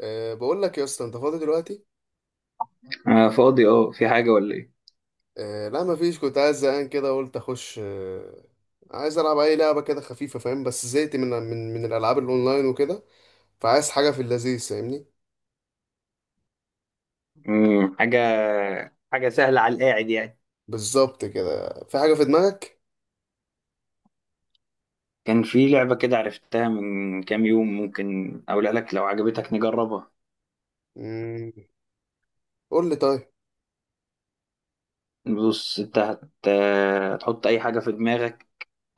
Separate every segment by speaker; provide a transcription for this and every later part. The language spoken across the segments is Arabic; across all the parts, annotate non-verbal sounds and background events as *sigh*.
Speaker 1: بقول لك يا اسطى، انت فاضي دلوقتي؟
Speaker 2: آه، فاضي. اه في حاجة ولا ايه؟
Speaker 1: لا، مفيش. كنت عايز، زهقان كده قلت اخش. عايز العب اي لعبه كده خفيفه، فاهم؟ بس زهقت من الالعاب الاونلاين وكده. فعايز حاجه في اللذيذ، فاهمني؟
Speaker 2: حاجة. حاجة سهلة على القاعد يعني.
Speaker 1: بالظبط كده. في حاجه في دماغك؟
Speaker 2: كان في لعبة كده عرفتها من كام يوم، ممكن أقولها لك لو عجبتك نجربها.
Speaker 1: مم. قول لي طيب.
Speaker 2: بص انت هتحط أي حاجة في دماغك.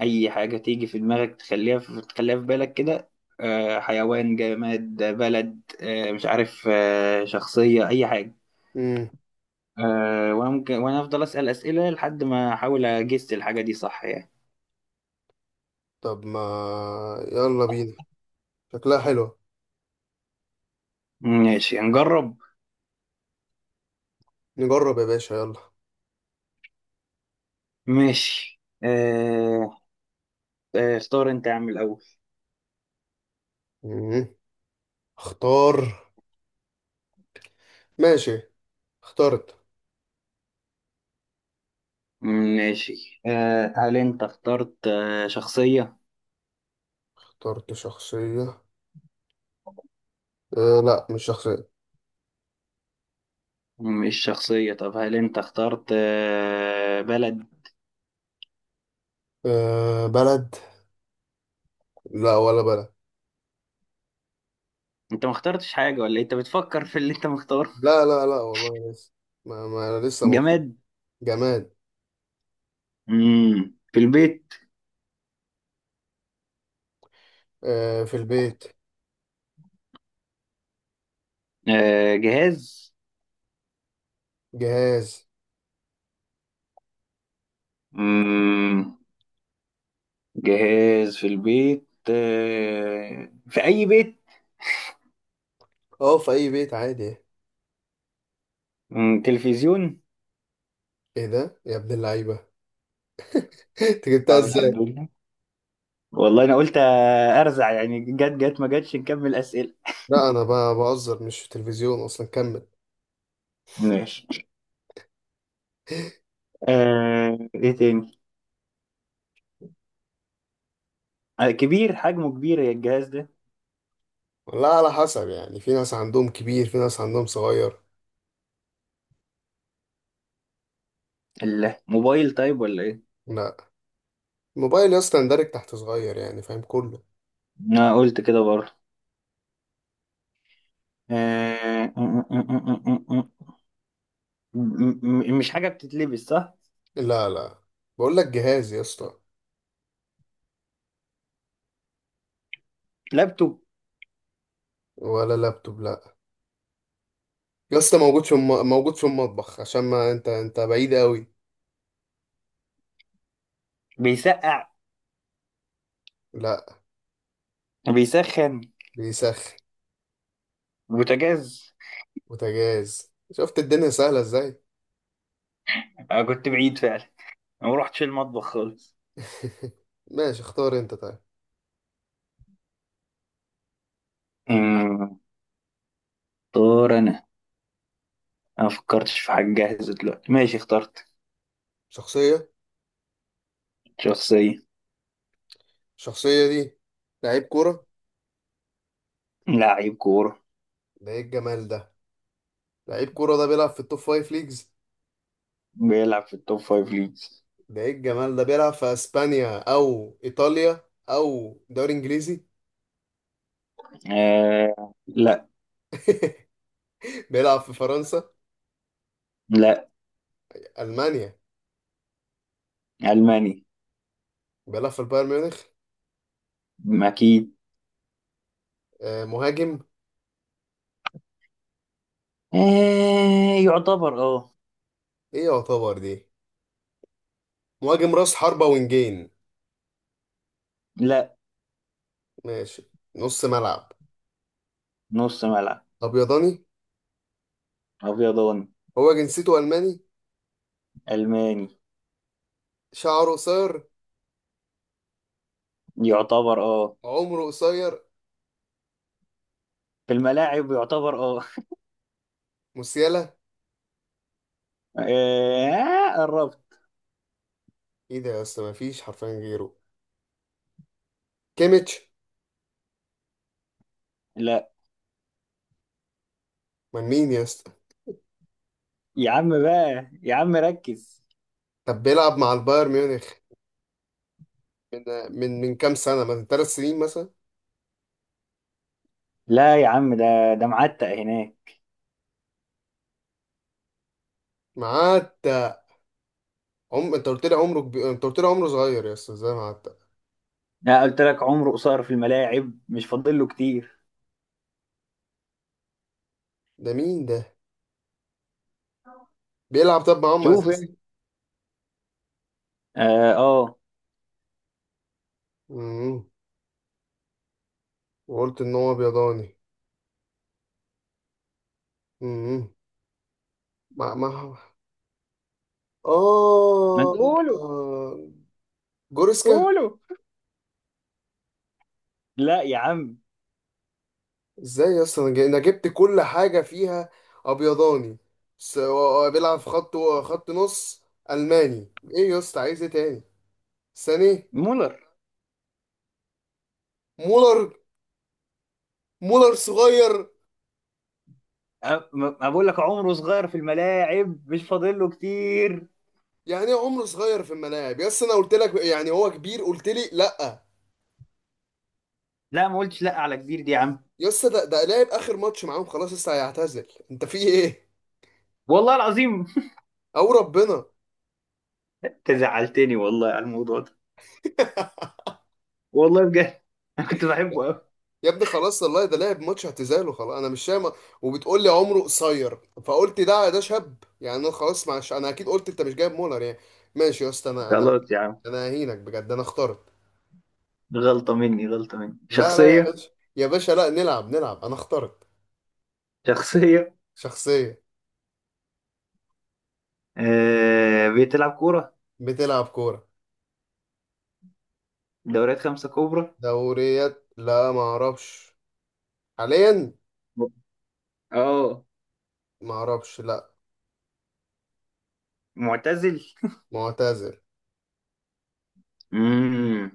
Speaker 2: أي حاجة تيجي في دماغك تخليها تخليها في بالك كده. حيوان، جماد، بلد، مش عارف، شخصية، أي حاجة.
Speaker 1: مم.
Speaker 2: وأنا أفضل أسأل أسئلة لحد ما أحاول أجس الحاجة دي صح يعني.
Speaker 1: طب ما، يلا بينا. شكلها حلوه.
Speaker 2: ماشي هنجرب.
Speaker 1: نجرب يا باشا، يلا.
Speaker 2: ماشي آه. اختار انت يا عم الأول.
Speaker 1: مم. اختار. ماشي. اخترت.
Speaker 2: ماشي آه. هل انت اخترت شخصية؟
Speaker 1: اخترت شخصيه. لا، مش شخصيه.
Speaker 2: مش شخصية. طب هل انت اخترت بلد؟
Speaker 1: أه، بلد. لا ولا بلد.
Speaker 2: انت ما اخترتش حاجة ولا إيه؟ انت بتفكر في اللي انت مختاره.
Speaker 1: لا لا لا والله لسه. ما انا لسه مبسوط.
Speaker 2: جماد.
Speaker 1: جماد.
Speaker 2: في البيت.
Speaker 1: آه، في البيت.
Speaker 2: جهاز.
Speaker 1: جهاز.
Speaker 2: مم. جهاز في البيت، في أي بيت.
Speaker 1: اه، في اي بيت عادي.
Speaker 2: تلفزيون.
Speaker 1: ايه ده يا ابن اللعيبه! *laughs* انت جبتها
Speaker 2: طب
Speaker 1: ازاي؟
Speaker 2: الحمد لله. والله انا قلت ارزع يعني، جت جت ما جتش، نكمل أسئلة.
Speaker 1: لا، انا بهزر، مش في التلفزيون اصلا. كمل.
Speaker 2: ماشي. ايه تاني. كبير، حجمه كبير يا الجهاز ده؟
Speaker 1: والله على حسب يعني، في ناس عندهم كبير، في ناس عندهم صغير.
Speaker 2: الموبايل طيب ولا ايه؟
Speaker 1: لا. الموبايل يا اسطى يندرج تحت صغير يعني، فاهم؟ كله.
Speaker 2: انا قلت كده برضه. آه م- م- م- مش حاجة بتتلبس صح؟
Speaker 1: لا لا. بقول لك جهاز يا اسطى.
Speaker 2: لابتوب.
Speaker 1: ولا لابتوب، لا. يا اسطى، موجود موجود في المطبخ، عشان ما انت بعيد قوي.
Speaker 2: بيسقع.
Speaker 1: لا.
Speaker 2: بيسخن.
Speaker 1: بيسخن.
Speaker 2: بوتاجاز.
Speaker 1: بوتاجاز. شفت الدنيا سهلة ازاي؟
Speaker 2: انا كنت بعيد فعلا. أنا ما رحتش المطبخ خالص.
Speaker 1: *laughs* ماشي، اختار انت طيب.
Speaker 2: أمم، اختار انا. انا ما فكرتش في حاجة جاهزة دلوقتي، ماشي اخترت.
Speaker 1: شخصية.
Speaker 2: شخصية.
Speaker 1: الشخصية دي لعيب كورة.
Speaker 2: لاعب كورة.
Speaker 1: ده ايه الجمال ده! لعيب كورة ده بيلعب في التوب فايف ليجز.
Speaker 2: بيلعب في التوب فايف ليجز.
Speaker 1: ده ايه الجمال ده! بيلعب في اسبانيا او ايطاليا او دوري انجليزي.
Speaker 2: آه، لا.
Speaker 1: *laughs* بيلعب في فرنسا.
Speaker 2: لا.
Speaker 1: المانيا.
Speaker 2: ألماني.
Speaker 1: بيلعب في البايرن ميونخ.
Speaker 2: أكيد.
Speaker 1: آه، مهاجم.
Speaker 2: آه، يعتبر
Speaker 1: ايه يعتبر دي؟ مهاجم راس حربة، وينجين.
Speaker 2: لا.
Speaker 1: ماشي. نص ملعب.
Speaker 2: نص ملعب.
Speaker 1: ابيضاني.
Speaker 2: أبيضاني.
Speaker 1: هو جنسيته الماني.
Speaker 2: ألماني.
Speaker 1: شعره قصير.
Speaker 2: يعتبر
Speaker 1: عمره قصير.
Speaker 2: في الملاعب يعتبر
Speaker 1: موسيالا.
Speaker 2: آه، قربت.
Speaker 1: ايه ده يا اسطى، ما فيش حرفيا غيره! كيميتش.
Speaker 2: لا
Speaker 1: من مين يا اسطى؟
Speaker 2: يا عم بقى، يا عم ركز.
Speaker 1: طب بيلعب مع البايرن ميونخ من من كام سنه؟ من 3 سنين مثلا.
Speaker 2: لا يا عم، ده معتق هناك.
Speaker 1: معاه. عم، انت قلت لي عمره كبير، انت قلت لي عمره صغير يا اسطى، ازاي معاه؟
Speaker 2: أنا قلت لك عمره قصير في الملاعب، مش فاضل له كتير.
Speaker 1: ده مين ده؟ بيلعب طب معاهم
Speaker 2: شوف
Speaker 1: اساسي.
Speaker 2: يعني. اه. آه.
Speaker 1: امم وقلت ان هو بيضاني. امم مع
Speaker 2: ما
Speaker 1: اه
Speaker 2: أنت- قولوا.
Speaker 1: جوريسكا.
Speaker 2: قولوا. لا يا عم.
Speaker 1: ازاي يا اسطى، أنا جبت كل حاجه فيها. ابيضاني. بيلعب في خط. خط نص. الماني. ايه يا اسطى، عايز ايه تاني؟ ساني.
Speaker 2: مولر.
Speaker 1: مولر. مولر صغير.
Speaker 2: أ- ما بقول لك عمره صغير في الملاعب، مش فاضل له كتير.
Speaker 1: يعني ايه عمره صغير في الملاعب يا اسطى؟ انا قلت لك يعني هو كبير، قلت لي لا.
Speaker 2: لا ما قلتش لا على كبير دي يا عم.
Speaker 1: يا اسطى، ده لاعب اخر ماتش معاهم، خلاص لسه هيعتزل، انت في ايه؟
Speaker 2: والله العظيم.
Speaker 1: او ربنا.
Speaker 2: *laughs* انت زعلتني والله على الموضوع ده.
Speaker 1: *laughs*
Speaker 2: والله بجد. *laughs* انا كنت بحبه قوي.
Speaker 1: يا ابني خلاص والله، ده لعب ماتش اعتزال وخلاص، انا مش فاهم. وبتقول لي عمره قصير، فقلت ده شاب يعني. انا خلاص معش، انا اكيد قلت انت مش جايب مولر يعني. ماشي يا اسطى، انا
Speaker 2: خلاص يا عم.
Speaker 1: انا اهينك بجد. انا اخترت.
Speaker 2: غلطة مني، غلطة مني.
Speaker 1: لا لا يا
Speaker 2: شخصية.
Speaker 1: باشا، يا باشا، لا، نلعب نلعب. انا اخترت.
Speaker 2: شخصية.
Speaker 1: شخصية.
Speaker 2: بتلعب كورة.
Speaker 1: بتلعب كورة.
Speaker 2: دوريات خمسة كبرى.
Speaker 1: دوريات، لا ما اعرفش. حاليا،
Speaker 2: اه،
Speaker 1: ما اعرفش، لا.
Speaker 2: معتزل.
Speaker 1: معتزل.
Speaker 2: امم.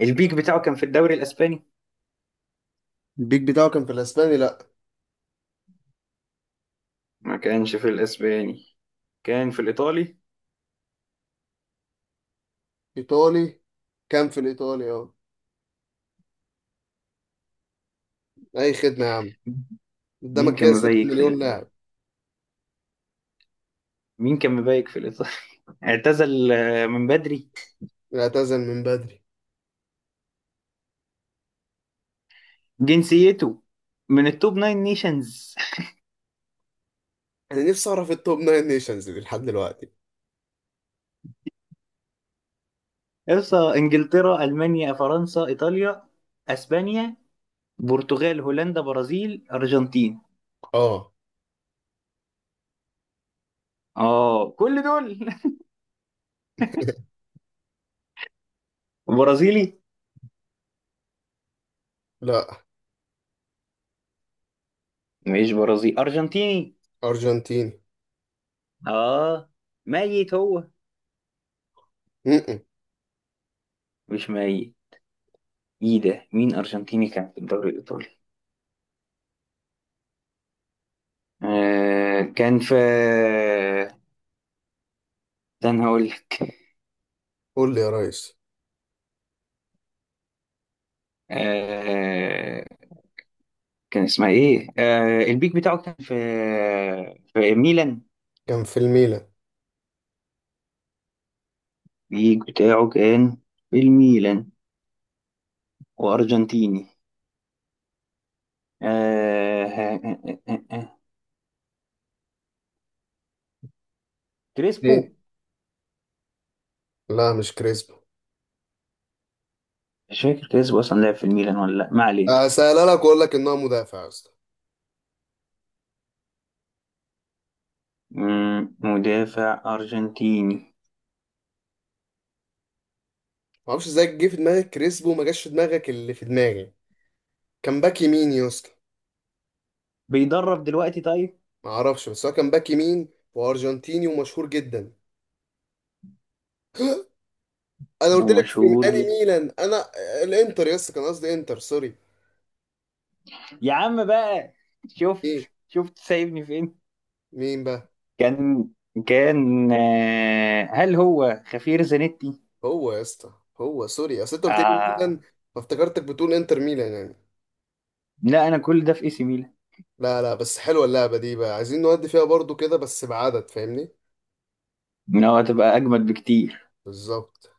Speaker 2: البيك بتاعه كان في الدوري الاسباني.
Speaker 1: البيك بتاعه كان في الاسباني، لا.
Speaker 2: ما كانش في الاسباني، كان في الايطالي.
Speaker 1: ايطالي. كان في الايطالي، اه. اي خدمة يا عم.
Speaker 2: مين
Speaker 1: قدامك
Speaker 2: كان
Speaker 1: كده 6
Speaker 2: مبيك في
Speaker 1: مليون
Speaker 2: الايطالي؟
Speaker 1: لاعب.
Speaker 2: مين كان مبيك في الايطالي؟ اعتزل آه، من بدري.
Speaker 1: اعتزل من بدري.
Speaker 2: جنسيته من التوب ناين نيشنز.
Speaker 1: انا نفسي اعرف التوب ناين نيشنز دي لحد دلوقتي.
Speaker 2: اقصى انجلترا، المانيا، فرنسا، ايطاليا، اسبانيا، برتغال، هولندا، برازيل، ارجنتين.
Speaker 1: اه.
Speaker 2: اه، كل دول. *laughs* برازيلي.
Speaker 1: لا.
Speaker 2: مش برازيلي، ارجنتيني.
Speaker 1: ارجنتيني.
Speaker 2: اه. ميت هو؟
Speaker 1: م-م.
Speaker 2: مش ميت. ايه ده، مين ارجنتيني كان في الدوري الايطالي؟ آه كان في ده انا هقول لك.
Speaker 1: قول لي يا ريس.
Speaker 2: كان اسمها ايه البيك بتاعه كان في ميلان.
Speaker 1: كان في الميلان.
Speaker 2: البيك بتاعه كان في الميلان، وارجنتيني. آه آه آه آه آه.
Speaker 1: ايه؟
Speaker 2: كريسبو.
Speaker 1: لا، مش كريسبو.
Speaker 2: مش فاكر كريسبو اصلا لعب في الميلان ولا لا، ما علينا.
Speaker 1: اسالها لك واقول لك ان هو مدافع يا اسطى.
Speaker 2: مدافع ارجنتيني.
Speaker 1: ما اعرفش ازاي جه في دماغك كريسبو وما جاش في دماغك اللي في دماغي. كان باك يمين يا اسطى.
Speaker 2: بيدرب دلوقتي طيب؟
Speaker 1: ما اعرفش، بس هو كان باك يمين وارجنتيني ومشهور جدا. انا قلت لك في
Speaker 2: ومشهور
Speaker 1: انهي
Speaker 2: جدا.
Speaker 1: ميلان، انا الانتر يا اسطى كان قصدي، انتر، سوري.
Speaker 2: يا عم بقى، شفت؟
Speaker 1: ايه؟
Speaker 2: شفت سايبني فين؟
Speaker 1: مين بقى؟
Speaker 2: كان كان هل هو خفير زانيتي؟
Speaker 1: هو يا اسطى، هو سوري اصل انت قلت لي ميلان،
Speaker 2: آه
Speaker 1: فافتكرتك بتقول انتر ميلان يعني.
Speaker 2: لا، انا كل ده في اي سي ميلان.
Speaker 1: لا لا، بس حلوه اللعبه دي بقى. عايزين نودي فيها برضو كده بس بعدد، فاهمني؟
Speaker 2: إن هو هتبقى اجمد بكتير.
Speaker 1: بالظبط.